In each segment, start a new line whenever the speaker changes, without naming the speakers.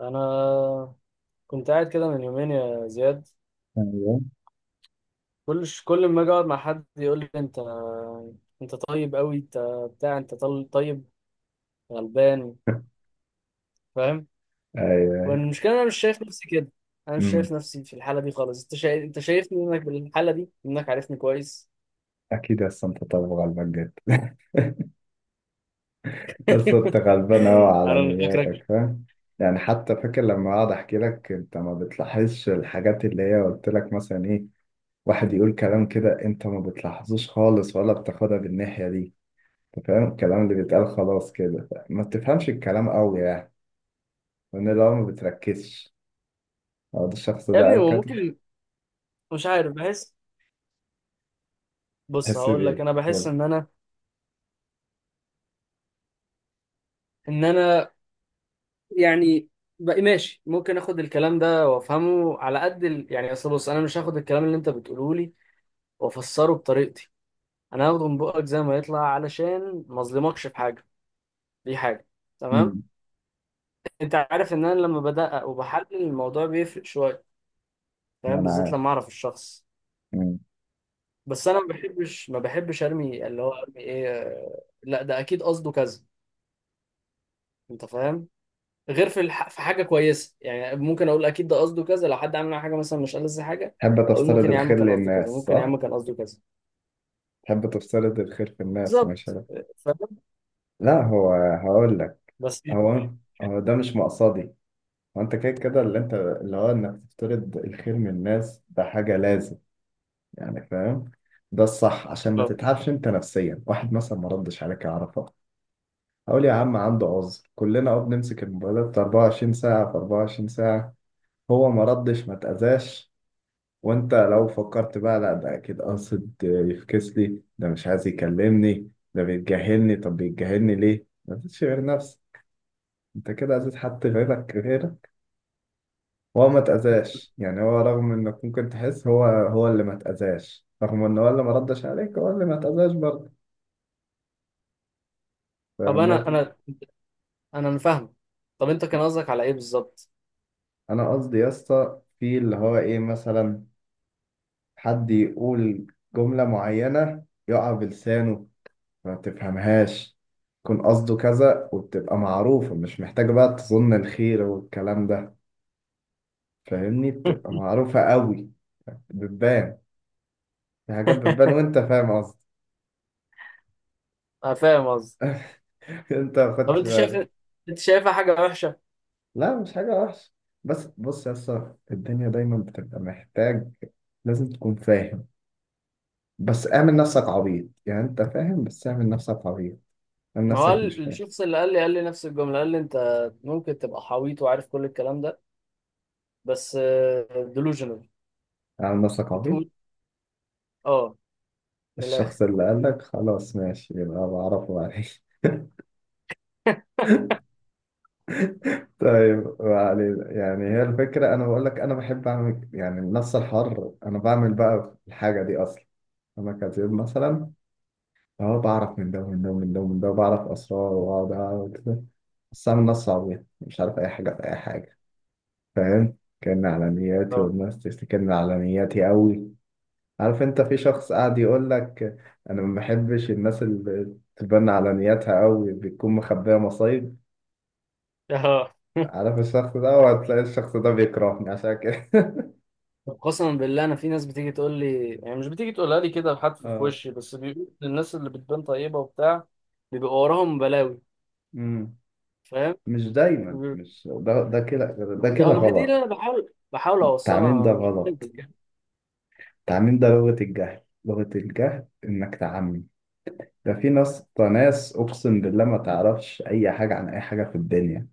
انا كنت قاعد كده من يومين يا زياد.
ايوه
كل ما اجي اقعد مع حد يقول لي انت، انت طيب قوي، انت بتاع، انت طيب غلبان، فاهم.
ايوه أيوة.
والمشكله انا مش شايف نفسي كده، انا مش شايف
امم
نفسي في الحاله دي خالص. انت شايف، انت شايفني انك بالحاله دي، انك عارفني كويس.
اكيد هسه انت، طب غلبك جد بس انت غلبان قوي على
انا اللي فاكرك
نياتك، فاهم؟ يعني حتى فاكر لما اقعد احكي لك انت ما بتلاحظش الحاجات اللي هي قلت لك مثلا ايه، واحد يقول كلام كده انت ما بتلاحظوش خالص ولا بتاخدها بالناحية دي. انت فاهم الكلام اللي بيتقال خلاص كده ما بتفهمش الكلام قوي يعني. لان لو ما بتركزش، لو ده الشخص
يا
ده
ابني.
قال
هو
كده.
ممكن، مش عارف، بحس، بص
تحس
هقول لك،
بايه
انا
قول
بحس
لي.
ان انا يعني بقى ماشي، ممكن اخد الكلام ده وافهمه على قد ال... يعني اصل بص، انا مش هاخد الكلام اللي انت بتقوله لي وافسره بطريقتي، انا هاخده من بقك زي ما يطلع علشان ما اظلمكش في حاجه. دي حاجه، تمام.
امم
انت عارف ان انا لما بدقق وبحلل الموضوع بيفرق شويه، فاهم،
وانا
بالذات
عارف.
لما اعرف الشخص.
امم
بس انا ما بحبش ارمي اللي هو ارمي ايه لا ده اكيد قصده كذا، انت فاهم. غير في في حاجه كويسه، يعني ممكن اقول اكيد ده قصده كذا لو حد عامل معايا حاجه مثلا مش ألذ حاجه.
تحب
اقول
تفترض
ممكن يا عم
الخير
كان قصده كذا،
للناس،
ممكن يا
صح؟
عم كان قصده كذا.
تحب تفترض الخير في الناس، مش
بالظبط،
عارف.
فاهم.
لا، هو هقول لك.
بس
هو هو ده مش مقصدي. هو انت كده كده اللي هو انك تفترض الخير من الناس، ده حاجة لازم. يعني فاهم، ده الصح عشان ما تتعبش انت نفسيا. واحد مثلا ما ردش عليك يعرفها، هقول يا عم عنده عذر، كلنا اه بنمسك الموبايلات 24 ساعة في 24 ساعة. هو ما ردش ما اتأذاش. وانت لو فكرت بقى، لا ده اكيد قاصد يفكس لي، ده مش عايز يكلمني، ده بيتجاهلني، طب بيتجاهلني ليه؟ ما فيش غير نفسك. انت كده اذيت حد غيرك غيرك. هو ما اتاذاش يعني، هو رغم انك ممكن تحس هو، هو اللي ما اتاذاش، رغم ان هو اللي ما ردش عليك هو اللي ما اتاذاش برضه. فاهم
طب انا
النقطة دي؟
انا انا أنا فاهم، طب انت كان قصدك على ايه بالظبط؟
انا قصدي يا اسطى في اللي هو ايه، مثلا حد يقول جملة معينة يقع بلسانه، ما تفهمهاش. يكون قصده كذا وبتبقى معروفة، مش محتاجة بقى تظن الخير والكلام ده. فاهمني؟ بتبقى معروفة قوي. بتبان، في حاجات بتبان وانت فاهم قصدي.
انا فاهم قصدي.
انت ما
طب
خدتش
انت شايف،
بالك.
انت شايفها حاجه وحشه؟
لا مش حاجة وحشة، بس بص يا اسطى، الدنيا دايما بتبقى محتاج لازم تكون فاهم. بس اعمل نفسك عبيط يعني، انت فاهم، بس اعمل نفسك عبيط. اعمل
ما هو
نفسك مش فاهم.
الشخص اللي قال لي قال لي نفس الجمله، قال لي انت ممكن تبقى حويط وعارف كل الكلام ده، بس ديلوجنال،
اعمل نفسك عبيط.
بتقول. اه، من الاخر.
الشخص اللي قالك خلاص ماشي، يبقى بعرفه بعدين. طيب ما علينا، يعني هي الفكرة. أنا بقول لك أنا بحب أعمل يعني النص الحر، أنا بعمل بقى الحاجة دي أصلا. أنا كاتب مثلا، أهو بعرف من ده ومن ده ومن ده ومن ده، وبعرف أسرار وأقعد أعمل كده. بس أعمل نص عبيط مش عارف أي حاجة في أي حاجة، فاهم؟ كأن على نياتي،
اه.
والناس تفتكرني على نياتي أوي. عارف، أنت في شخص قاعد يقول لك أنا ما بحبش الناس اللي تبان على نياتها أوي، بتكون مخبية مصايب.
اه،
عارف الشخص ده، وهتلاقي الشخص ده بيكرهني عشان كده.
طب قسما بالله انا في ناس بتيجي تقول لي، يعني مش بتيجي تقولها لي كده بحد في
اه.
وشي، بس بيقول الناس اللي بتبان طيبه وبتاع بيبقى وراهم بلاوي،
امم
فاهم.
مش دايما،
بيقول
مش ده، ده كده. ده
اه،
كده
ما هي دي
غلط.
اللي انا بحاول
التعميم
اوصلها، انا
ده
مش
غلط.
بكذب يعني.
التعميم ده لغة الجهل، لغة الجهل انك تعمم. ده في ناس، ده ناس اقسم بالله ما تعرفش اي حاجة عن اي حاجة في الدنيا.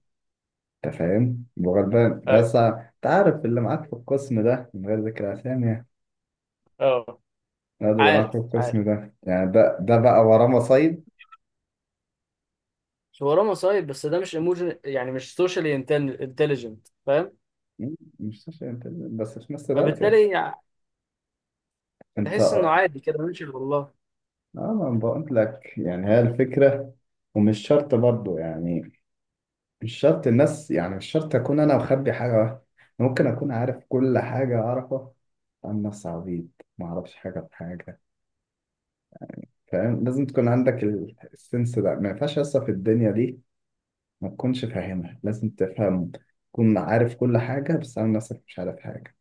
انت فاهم وغلبان،
ايوه،
بس انت عارف اللي معاك في القسم ده، من غير ذكر اسامي يعني.
اه.
ده اللي معاك في
عارف عارف،
القسم ده يعني، ده ده بقى وراه مصايب.
شو وراه مصايب، بس ده مش ايموجن يعني، مش سوشيالي انتليجنت، فاهم.
مش عشان انت، بس في نفس الوقت يعني،
فبالتالي يعني
انت.
تحس انه عادي كده، ماشي والله.
اه ما أنا بقول لك يعني هي الفكرة. ومش شرط برضو يعني، مش شرط الناس، يعني مش شرط أكون أنا مخبي حاجة واحدة. ممكن أكون عارف كل حاجة أعرفها، عن نفسي عبيط، ما أعرفش حاجة في حاجة. فاهم؟ لازم تكون عندك السنس ده، ما ينفعش أصلا في الدنيا دي ما تكونش فاهمها، لازم تفهم. تكون عارف كل حاجة، بس عن نفسك مش عارف حاجة.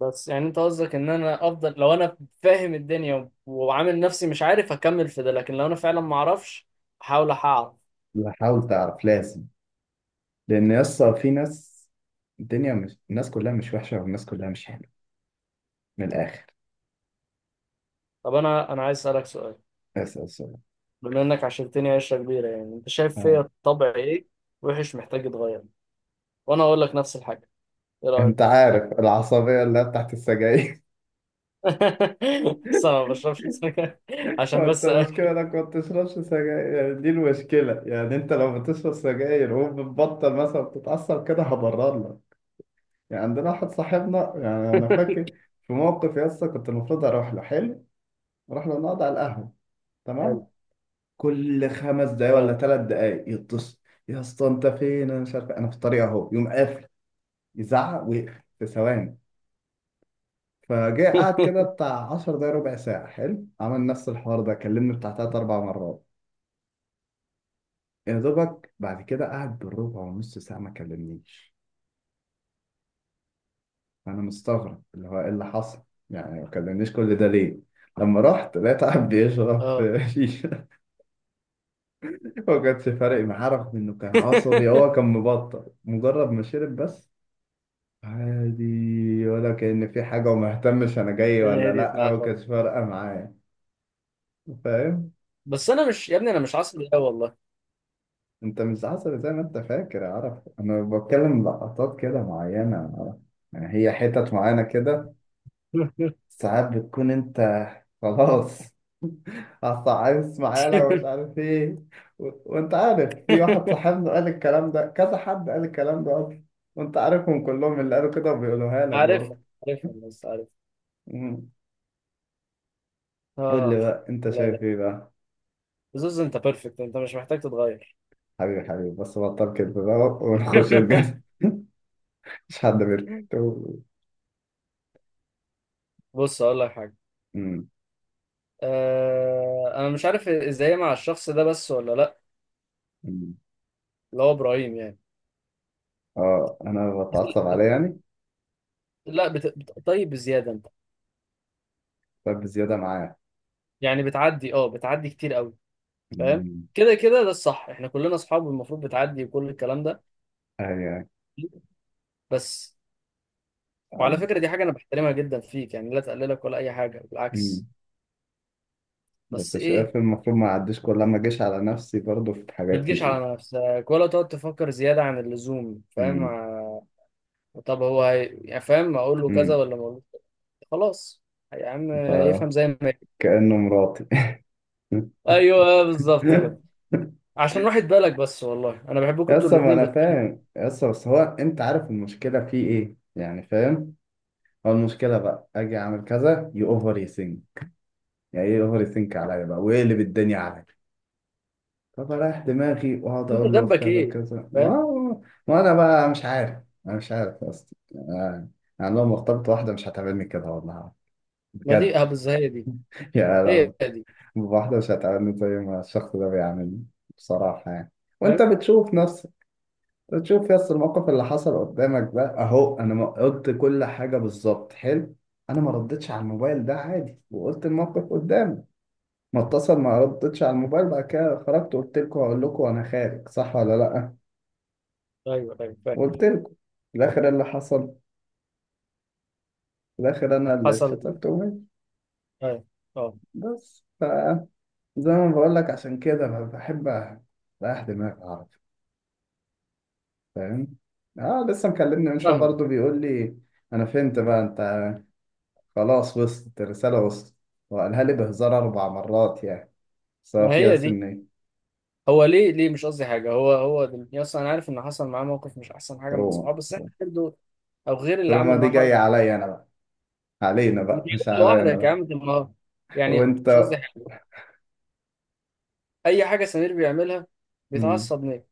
بس يعني انت قصدك ان انا افضل لو انا فاهم الدنيا وعامل نفسي مش عارف اكمل في ده، لكن لو انا فعلا ما اعرفش احاول اعرف.
لا، حاول تعرف لازم. لأن أصلا في ناس، الدنيا مش الناس كلها مش وحشة، والناس كلها مش حلوة، من الآخر.
طب انا عايز اسالك سؤال،
بس بس
بما انك عشرتني عشره كبيره، يعني انت شايف
آه.
فيا طبع ايه وحش محتاج يتغير، وانا اقول لك نفس الحاجه، ايه رايك؟
انت عارف العصبية اللي هي بتاعت السجاير؟
بس انا ما بشربش سجاير. عشان
هو انت
بس أ-
المشكلة انك ما بتشربش سجاير يعني، دي المشكلة يعني. انت لو بتشرب سجاير وبتبطل مثلا بتتعصب كده هبرر لك. يعني عندنا واحد صاحبنا يعني، انا فاكر في موقف يا اسطى، كنت المفروض اروح له، حلو، اروح له نقعد على القهوة،
حلو.
تمام. كل خمس دقايق ولا
اه.
ثلاث دقايق يتصل، يا اسطى انت فين؟ انا مش عارف، انا في الطريق اهو، يقوم قافل. يزعق ويقفل في ثواني. فجاء قعد كده بتاع 10 دقايق ربع ساعة، حلو، عمل نفس الحوار ده، كلمني بتاع تلات أربع مرات. يا دوبك بعد كده قعد بالربع ونص ساعة ما كلمنيش. أنا مستغرب اللي هو إيه اللي حصل، يعني ما كلمنيش كل ده ليه؟ لما رحت لقيت قاعد بيشرب
اه.
شيشة. ما كانش فارق معاه رغم إنه كان عصبي، هو كان مبطل مجرد ما شرب بس. عادي ولا كأن في حاجة، وما اهتمش أنا جاي
الدنيا
ولا
هديت
لأ،
معايا
ما
خالص.
كانش فارقة معايا. فاهم؟
بس انا مش يا ابني، انا مش عصبي قوي والله.
انت مش عسل زي ما انت فاكر يا عرف، انا بتكلم لقطات كده معينة يا عرف. يعني هي حتت معينة كده، ساعات بتكون انت خلاص، اصل عايز معانا ومش عارف ايه. وانت عارف، في واحد صاحبنا قال الكلام ده، كذا حد قال الكلام ده اصلا. وانت عارفهم كلهم اللي قالوا كده بيقولوها لك
عارفها،
برضه.
عارفها بس عارف.
مم. قول
اه،
لي بقى انت
لا
شايف
لا،
ايه بقى؟
زوز انت بيرفكت، انت مش محتاج تتغير.
حبيبي حبيبي بس بطل كده بقى ونخش الجد. مش حد بيرد.
بص اقول لك حاجه،
مم.
انا مش عارف ازاي مع الشخص ده بس ولا لا، اللي هو ابراهيم يعني.
اه انا بتعصب
بس
عليه يعني،
لا طيب بزياده انت،
طيب بزياده معاه.
يعني بتعدي، اه بتعدي كتير قوي، فاهم.
أمم،
كده كده ده الصح، احنا كلنا اصحاب والمفروض بتعدي وكل الكلام ده.
ايوه.
بس وعلى
عد-
فكره دي حاجه انا بحترمها جدا فيك يعني، لا تقللك ولا اي حاجه،
أمم.
بالعكس. بس
بس
ايه؟
شايف المفروض ما اعديش، كل ما اجيش على نفسي برضه في
ما
حاجات
تجيش
كتير.
على نفسك ولا تقعد تفكر زيادة عن اللزوم، فاهم
امم
طب يعني فاهم، أقول له كذا
امم
ولا ما أقولوش كذا؟ خلاص يا عم،
ف-
يفهم زي ما يفهم.
كأنه مراتي.
أيوه بالظبط كده، عشان راحة بالك بس، والله أنا بحبكم أنتوا
يسا ما
الاتنين. بس
انا فاهم يسا، بس هو انت عارف المشكله فيه ايه يعني، فاهم؟ هو المشكله بقى اجي اعمل كذا يو اوفر يسينك، يعني ايه اوفر يسينك عليا بقى ويقلب الدنيا عليا. فبريح دماغي واقعد
أنت
اقول له في
ذنبك
كذا
إيه؟
وكذا
فاهم.
اه. ما انا بقى مش عارف، انا مش عارف اصلا آه، يعني لو مرتبط واحده مش هتعملني كده والله،
ما دي
بجد.
أبز، هي دي،
يا
هي
لو
دي،
واحده مش هتعملني زي ما الشخص ده بيعملني، بصراحه يعني. وانت
فاهم.
بتشوف نفسك، بتشوف يس الموقف اللي حصل قدامك ده اهو، انا ما قلت كل حاجه بالظبط، حلو. انا ما ردتش على الموبايل ده عادي، وقلت الموقف قدامي. ما اتصل ما ردتش على الموبايل، بعد كده خرجت قلت لكم، هقول لكم انا خارج، صح ولا لا؟
أيوه أيوه
وقلت
فاكر.
لكم. في الآخر اللي حصل، في الآخر أنا اللي
حصل،
اتشتمت وماشي.
أيوه، أه.
بس فزي ما بقول لك، عشان كده ما بحب أريح دماغي أعرف، فاهم؟ آه لسه مكلمني من شوية
فاهمة.
برضه بيقول لي، أنا فهمت بقى أنت، خلاص وصلت الرسالة وصلت. وقالها لي بهزار أربع مرات يعني، بس هو
ما
فيها
هي دي،
سنة.
هو ليه ليه؟ مش قصدي حاجة، هو هو دلوقتي أصلا أنا عارف إن حصل معاه موقف مش أحسن حاجة من
تروما
صحابه، بس إحنا
تروما.
برضه، أو غير اللي
تروما
عمل
دي
معاه حركة.
جاية عليا أنا بقى، علينا بقى
مش
مش
انت
عليا أنا
لوحدك يا
بقى.
عم دي المرة، يعني
وأنت.
مش قصدي حاجة. أي حاجة سمير بيعملها
مم.
بيتعصب ليه،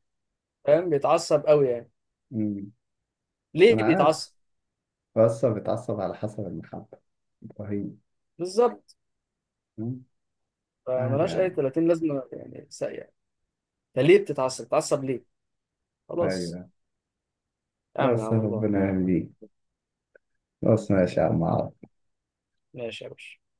فاهم، بيتعصب قوي يعني،
مم.
ليه
أنا عارف،
بيتعصب؟
بس بتعصب على حسب المحبة، إبراهيم.
بالظبط،
عاد
فملهاش أي
عاد.
30 لازمة يعني، ساقية، فليه بتتعصب بتتعصب ليه؟ خلاص،
ايوه،
أعمل على
بس
الله.
ربنا يهديك، بس ما شاء الله.
ماشي يا باشا.